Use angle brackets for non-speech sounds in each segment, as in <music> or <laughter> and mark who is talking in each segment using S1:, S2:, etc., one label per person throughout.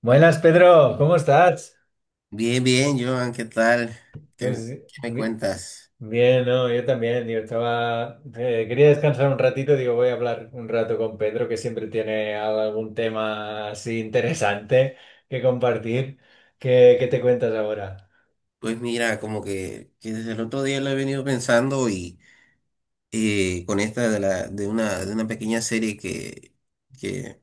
S1: Buenas, Pedro, ¿cómo estás?
S2: Bien, bien, Joan, ¿qué tal? ¿Qué,
S1: Pues
S2: qué me
S1: bi-
S2: cuentas?
S1: bien, no, yo también. Yo estaba. Quería descansar un ratito, digo, voy a hablar un rato con Pedro, que siempre tiene algún tema así interesante que compartir. ¿Qué te cuentas ahora?
S2: Pues mira, como que desde el otro día lo he venido pensando y con esta de una pequeña serie que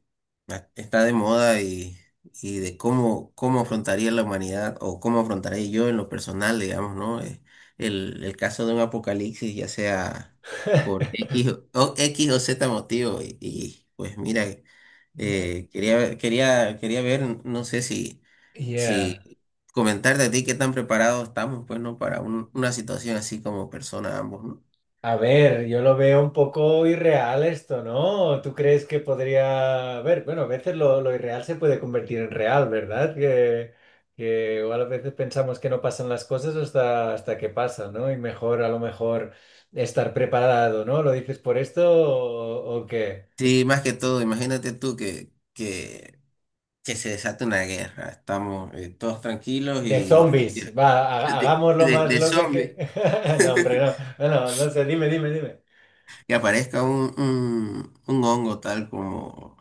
S2: está de moda y de cómo afrontaría la humanidad o cómo afrontaría yo en lo personal, digamos, ¿no? El caso de un apocalipsis, ya sea por
S1: <laughs>
S2: X o X o Z motivo y pues mira.
S1: Yeah.
S2: Quería ver, no sé si,
S1: Yeah.
S2: si comentarte a ti qué tan preparados estamos, pues, ¿no? Para una situación así como persona ambos, ¿no?
S1: A ver, yo lo veo un poco irreal esto, ¿no? ¿Tú crees que podría... A ver, bueno, a veces lo irreal se puede convertir en real, ¿verdad? Que igual a veces pensamos que no pasan las cosas hasta que pasan, ¿no? Y mejor a lo mejor estar preparado, ¿no? ¿Lo dices por esto o qué?
S2: Sí, más que todo, imagínate tú que se desata una guerra. Estamos todos tranquilos
S1: De
S2: y
S1: zombies, va,
S2: <laughs> de,
S1: hagámoslo
S2: de,
S1: más
S2: de
S1: loco y que...
S2: zombies.
S1: <laughs> No, hombre, no, no, no no sé, dime.
S2: Que aparezca un hongo tal como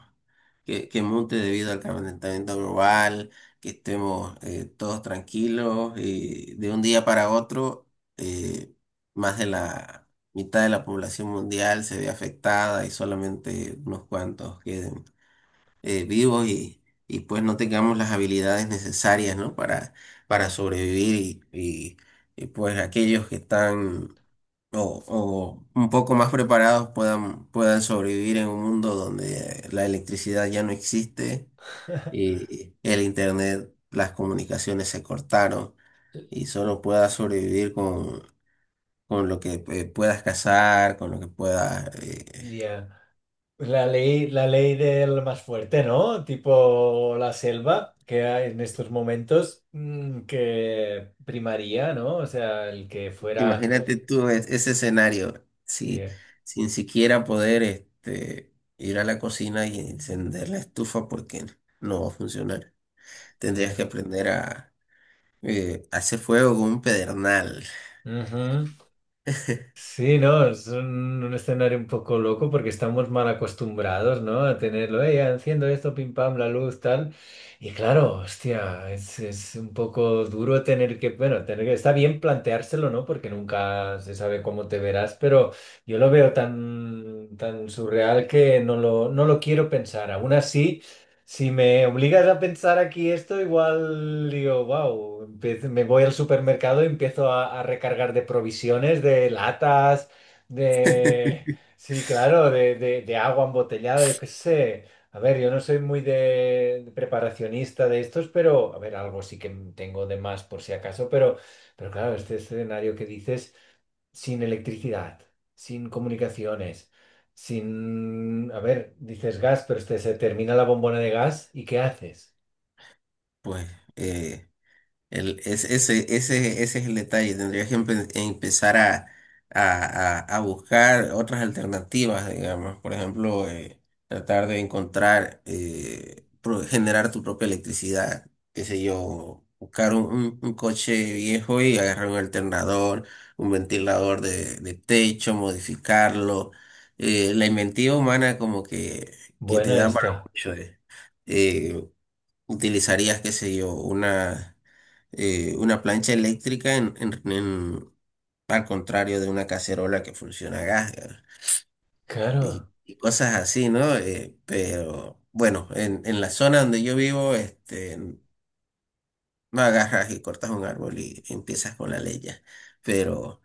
S2: que monte debido al calentamiento global, que estemos todos tranquilos y de un día para otro eh, más de la mitad de la población mundial se ve afectada y solamente unos cuantos queden vivos y pues no tengamos las habilidades necesarias, ¿no? Para sobrevivir y pues aquellos que están o un poco más preparados puedan sobrevivir en un mundo donde la electricidad ya no existe
S1: <laughs>
S2: y el internet, las comunicaciones se cortaron y solo puedas sobrevivir con lo que puedas cazar, con lo que puedas...
S1: Ya. Pues la ley del más fuerte, ¿no? Tipo la selva, que hay en estos momentos que primaría, ¿no? O sea, el que fuera...
S2: imagínate tú ese escenario, si,
S1: Yeah,
S2: sin siquiera poder este, ir a la cocina y encender la estufa porque no va a funcionar. Tendrías
S1: yeah.
S2: que aprender a hace fuego con un pedernal.
S1: Ujú. Sí, no, es un escenario un poco loco porque estamos mal acostumbrados, ¿no? A tenerlo, enciendo esto, pim pam, la luz, tal. Y claro, hostia, es un poco duro tener que, bueno, tener que, está bien planteárselo, ¿no? Porque nunca se sabe cómo te verás, pero yo lo veo tan surreal que no lo quiero pensar. Aún así. Si me obligas a pensar aquí esto, igual digo, wow, me voy al supermercado y empiezo a recargar de provisiones, de latas, de...
S2: <laughs>
S1: Sí, claro, de agua embotellada, yo qué sé. A ver, yo no soy muy de preparacionista de estos, pero, a ver, algo sí que tengo de más por si acaso, pero claro, este escenario que dices sin electricidad, sin comunicaciones, sin... A ver, dices gas, pero este, se termina la bombona de gas y ¿qué haces?
S2: Pues eh, El, es- ese es el detalle. Tendrías que empezar a, a buscar otras alternativas, digamos. Por ejemplo, tratar de encontrar, generar tu propia electricidad. Qué sé yo, buscar un, un coche viejo y agarrar un alternador, un ventilador de techo, modificarlo. La inventiva humana como que te
S1: Buena
S2: da para
S1: esta.
S2: mucho. Eh, utilizarías, qué sé yo, una plancha eléctrica en, al contrario de una cacerola que funciona a gas, ¿verdad? Y,
S1: Claro.
S2: y cosas así, ¿no? Pero bueno, en la zona donde yo vivo, este, no agarras y cortas un árbol y empiezas con la leña, pero...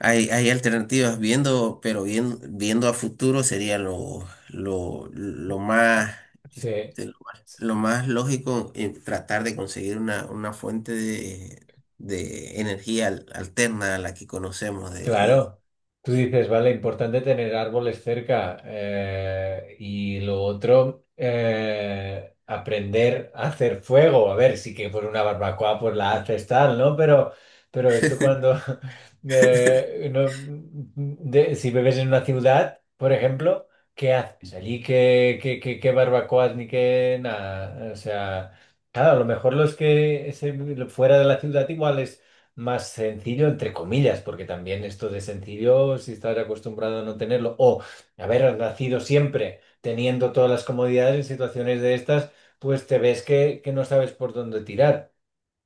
S2: Hay alternativas viendo, pero bien, viendo a futuro sería lo más,
S1: Sí.
S2: este, lo más lógico en tratar de conseguir una fuente de energía alterna a la que conocemos.
S1: Claro, tú dices, vale, importante tener árboles cerca y lo otro, aprender a hacer fuego. A ver, sí que por una barbacoa pues la haces tal, ¿no? Pero esto cuando, <laughs> si bebes en una ciudad, por ejemplo, ¿qué haces? Allí qué barbacoas ni qué nada. O sea, claro, a lo mejor fuera de la ciudad igual más sencillo, entre comillas, porque también esto de sencillo, si estás acostumbrado a no tenerlo, o haber nacido siempre teniendo todas las comodidades en situaciones de estas, pues te ves que no sabes por dónde tirar.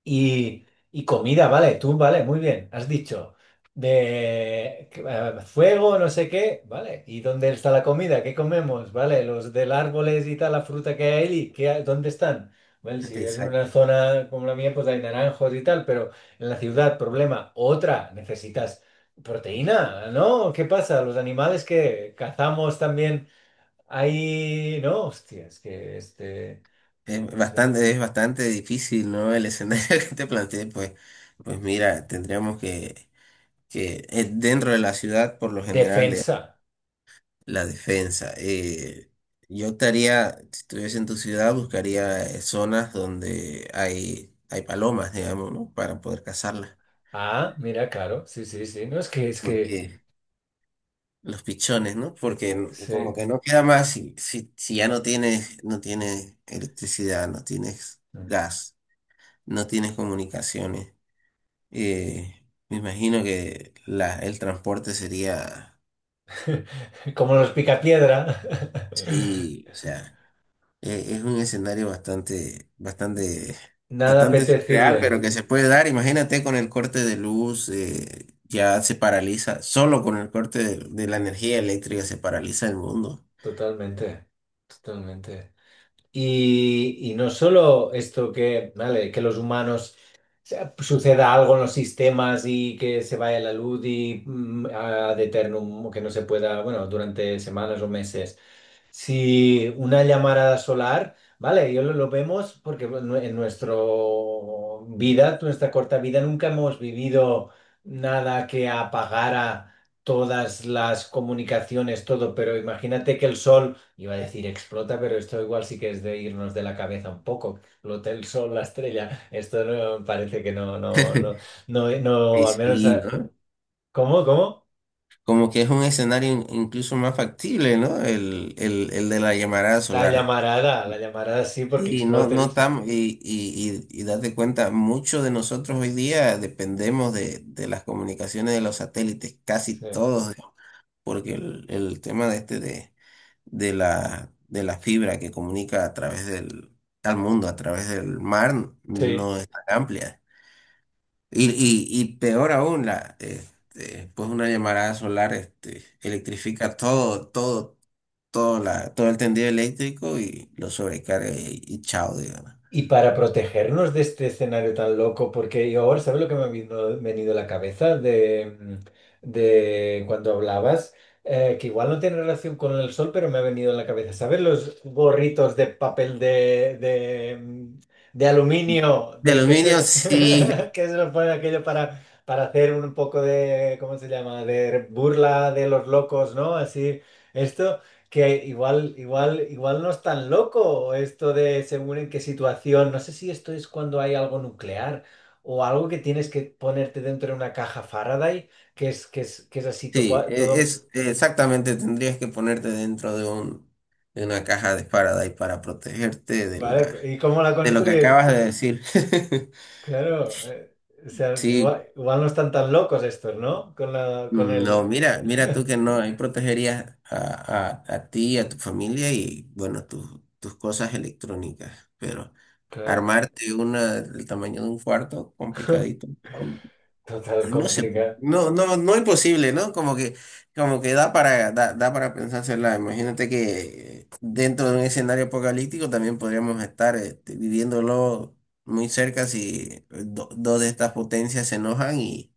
S1: Y, y comida, vale, tú, vale, muy bien, has dicho. De que, fuego, no sé qué, vale. ¿Y dónde está la comida? ¿Qué comemos? Vale, los del árboles y tal, la fruta que hay ahí, dónde están? Vale, si es
S2: Exacto.
S1: una zona como la mía, pues hay naranjos y tal, pero en la ciudad, problema, otra, necesitas proteína, ¿no? ¿Qué pasa? Los animales que cazamos también, hay, no, hostias, que este, no sé,
S2: Es bastante difícil, ¿no? El escenario <laughs> que te planteé, pues, pues mira, tendríamos que dentro de la ciudad, por lo general,
S1: defensa.
S2: la defensa. Yo estaría, si estuviese en tu ciudad, buscaría zonas donde hay palomas, digamos, ¿no? Para poder cazarlas.
S1: Ah, mira, claro, sí, sí, sí. No, es que
S2: Porque los pichones, ¿no? Porque como
S1: sí.
S2: que no queda más si, si, si ya no tienes, no tienes electricidad, no tienes gas, no tienes comunicaciones. eh, me imagino que la, el transporte sería,
S1: <laughs> Como los picapiedra. <laughs>
S2: sí, o sea. Es un escenario bastante, bastante,
S1: Nada
S2: bastante
S1: apetecible.
S2: surreal, pero que se puede dar. Imagínate con el corte de luz, ya se paraliza, solo con el corte de la energía eléctrica se paraliza el mundo.
S1: Totalmente, totalmente. Y no solo esto que, vale, que los humanos o sea, suceda algo en los sistemas y que se vaya la luz y ad eternum, que no se pueda, bueno, durante semanas o meses. Si una llamarada solar, vale, yo lo vemos porque bueno, en nuestra vida, nuestra corta vida, nunca hemos vivido nada que apagara todas las comunicaciones, todo, pero imagínate que el sol, iba a decir explota, pero esto igual sí que es de irnos de la cabeza un poco, explota el sol, la estrella, esto no, parece que no, no, no,
S2: <laughs>
S1: no,
S2: Y
S1: no, al menos,
S2: sí,
S1: ah,
S2: ¿no?
S1: ¿cómo, cómo?
S2: Como que es un escenario incluso más factible, ¿no? El de la llamarada
S1: La
S2: solar.
S1: llamarada, la llamarada sí, porque
S2: Sí, no,
S1: explota
S2: no
S1: el...
S2: estamos, y date cuenta, muchos de nosotros hoy día dependemos de las comunicaciones de los satélites, casi
S1: Sí.
S2: todos. Porque el tema de este de de la fibra que comunica a través del, al mundo, a través del mar,
S1: Sí.
S2: no es tan amplia. Y peor aún, la, este, pues una llamarada solar este, electrifica todo, todo, todo, la, todo el tendido eléctrico y lo sobrecarga y chao, digamos.
S1: Y para protegernos de este escenario tan loco, porque yo ahora, ¿sabes lo que me ha venido a la cabeza de cuando hablabas? Que igual no tiene relación con el sol, pero me ha venido a la cabeza. ¿Sabes los gorritos de papel de aluminio
S2: De
S1: de que
S2: aluminio,
S1: se,
S2: sí,
S1: <laughs> que se lo pone aquello para hacer un poco de, ¿cómo se llama? De burla de los locos, ¿no? Así, esto que igual no es tan loco esto de según en qué situación. No sé si esto es cuando hay algo nuclear o algo que tienes que ponerte dentro de una caja Faraday, que es así
S2: sí,
S1: todo.
S2: es exactamente, tendrías que ponerte dentro de un, de una caja de Faraday para protegerte de la
S1: ¿Vale? ¿Y cómo la
S2: de lo que
S1: construir?
S2: acabas de decir. <laughs>
S1: Claro. O sea,
S2: Sí,
S1: igual no están tan locos estos, ¿no? Con la, con
S2: mm, no,
S1: el.
S2: mira, mira tú que no, ahí protegerías a ti, a tu familia y bueno, tus tus cosas electrónicas, pero
S1: Claro.
S2: armarte una del tamaño de un cuarto, complicadito.
S1: <laughs> Total
S2: No sé,
S1: complicado.
S2: no, no, no imposible, ¿no? Como que da para, da para pensársela. Imagínate que dentro de un escenario apocalíptico también podríamos estar este, viviéndolo muy cerca si dos de estas potencias se enojan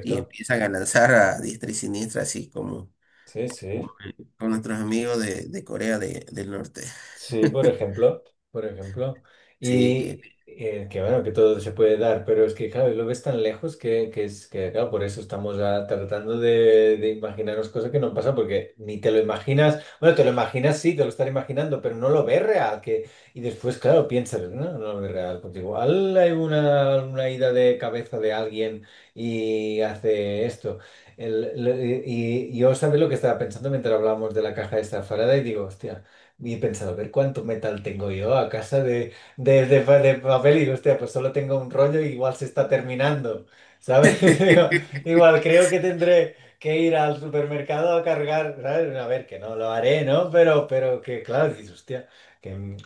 S2: y empiezan a lanzar a diestra y siniestra, así como,
S1: Sí, sí.
S2: como con nuestros amigos de Corea del Norte.
S1: Sí, por
S2: <laughs>
S1: ejemplo, por ejemplo.
S2: Sí, que...
S1: Y que bueno, que todo se puede dar, pero es que claro, lo ves tan lejos que es que claro, por eso estamos tratando de imaginarnos cosas que no pasan porque ni te lo imaginas, bueno, te lo imaginas, sí, te lo estás imaginando, pero no lo ves real, que, y después, claro, piensas, no, no lo ves real, pues igual hay una ida de cabeza de alguien y hace esto. Y yo, ¿sabes lo que estaba pensando mientras hablábamos de la caja esta de Faraday? Digo, hostia. Y he pensado, a ver cuánto metal tengo yo a casa de papel. Y digo, hostia, pues solo tengo un rollo y igual se está terminando, ¿sabes? <laughs> Digo,
S2: <laughs>
S1: igual creo que tendré que ir al supermercado a cargar, ¿sabes? A ver, que no lo haré, ¿no? Pero que, claro, dices, hostia, que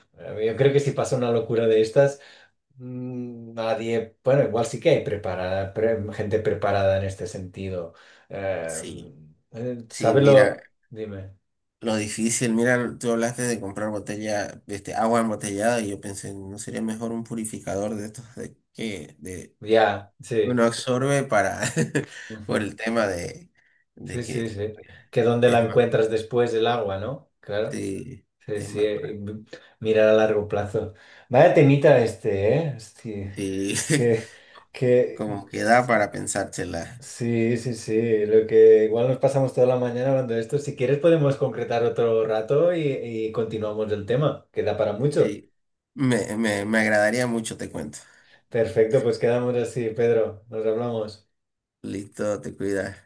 S1: yo creo que si pasa una locura de estas, nadie, bueno, igual sí que hay preparada, gente preparada en este sentido. Eh,
S2: Sí, sí,
S1: ¿Sabes
S2: mira.
S1: lo? Dime.
S2: Lo difícil, mira, tú hablaste de comprar botella, este, agua embotellada y yo pensé, ¿no sería mejor un purificador de estos de que de
S1: Ya, sí.
S2: uno absorbe para <laughs> por
S1: Ujú.
S2: el tema
S1: Sí,
S2: de
S1: sí,
S2: que
S1: sí. Que dónde
S2: es
S1: la
S2: más,
S1: encuentras después del agua, ¿no? Claro.
S2: sí,
S1: Sí,
S2: es
S1: sí.
S2: más,
S1: Mirar a largo plazo. Vaya temita este, ¿eh? Hostia,
S2: sí,
S1: que,
S2: <laughs> como que
S1: que...
S2: da para pensársela.
S1: Sí, sí, sí. Lo que igual nos pasamos toda la mañana hablando de esto. Si quieres podemos concretar otro rato y continuamos el tema. Queda para mucho.
S2: Sí, me agradaría mucho, te cuento.
S1: Perfecto, pues quedamos así, Pedro. Nos hablamos.
S2: Listo, te cuidas.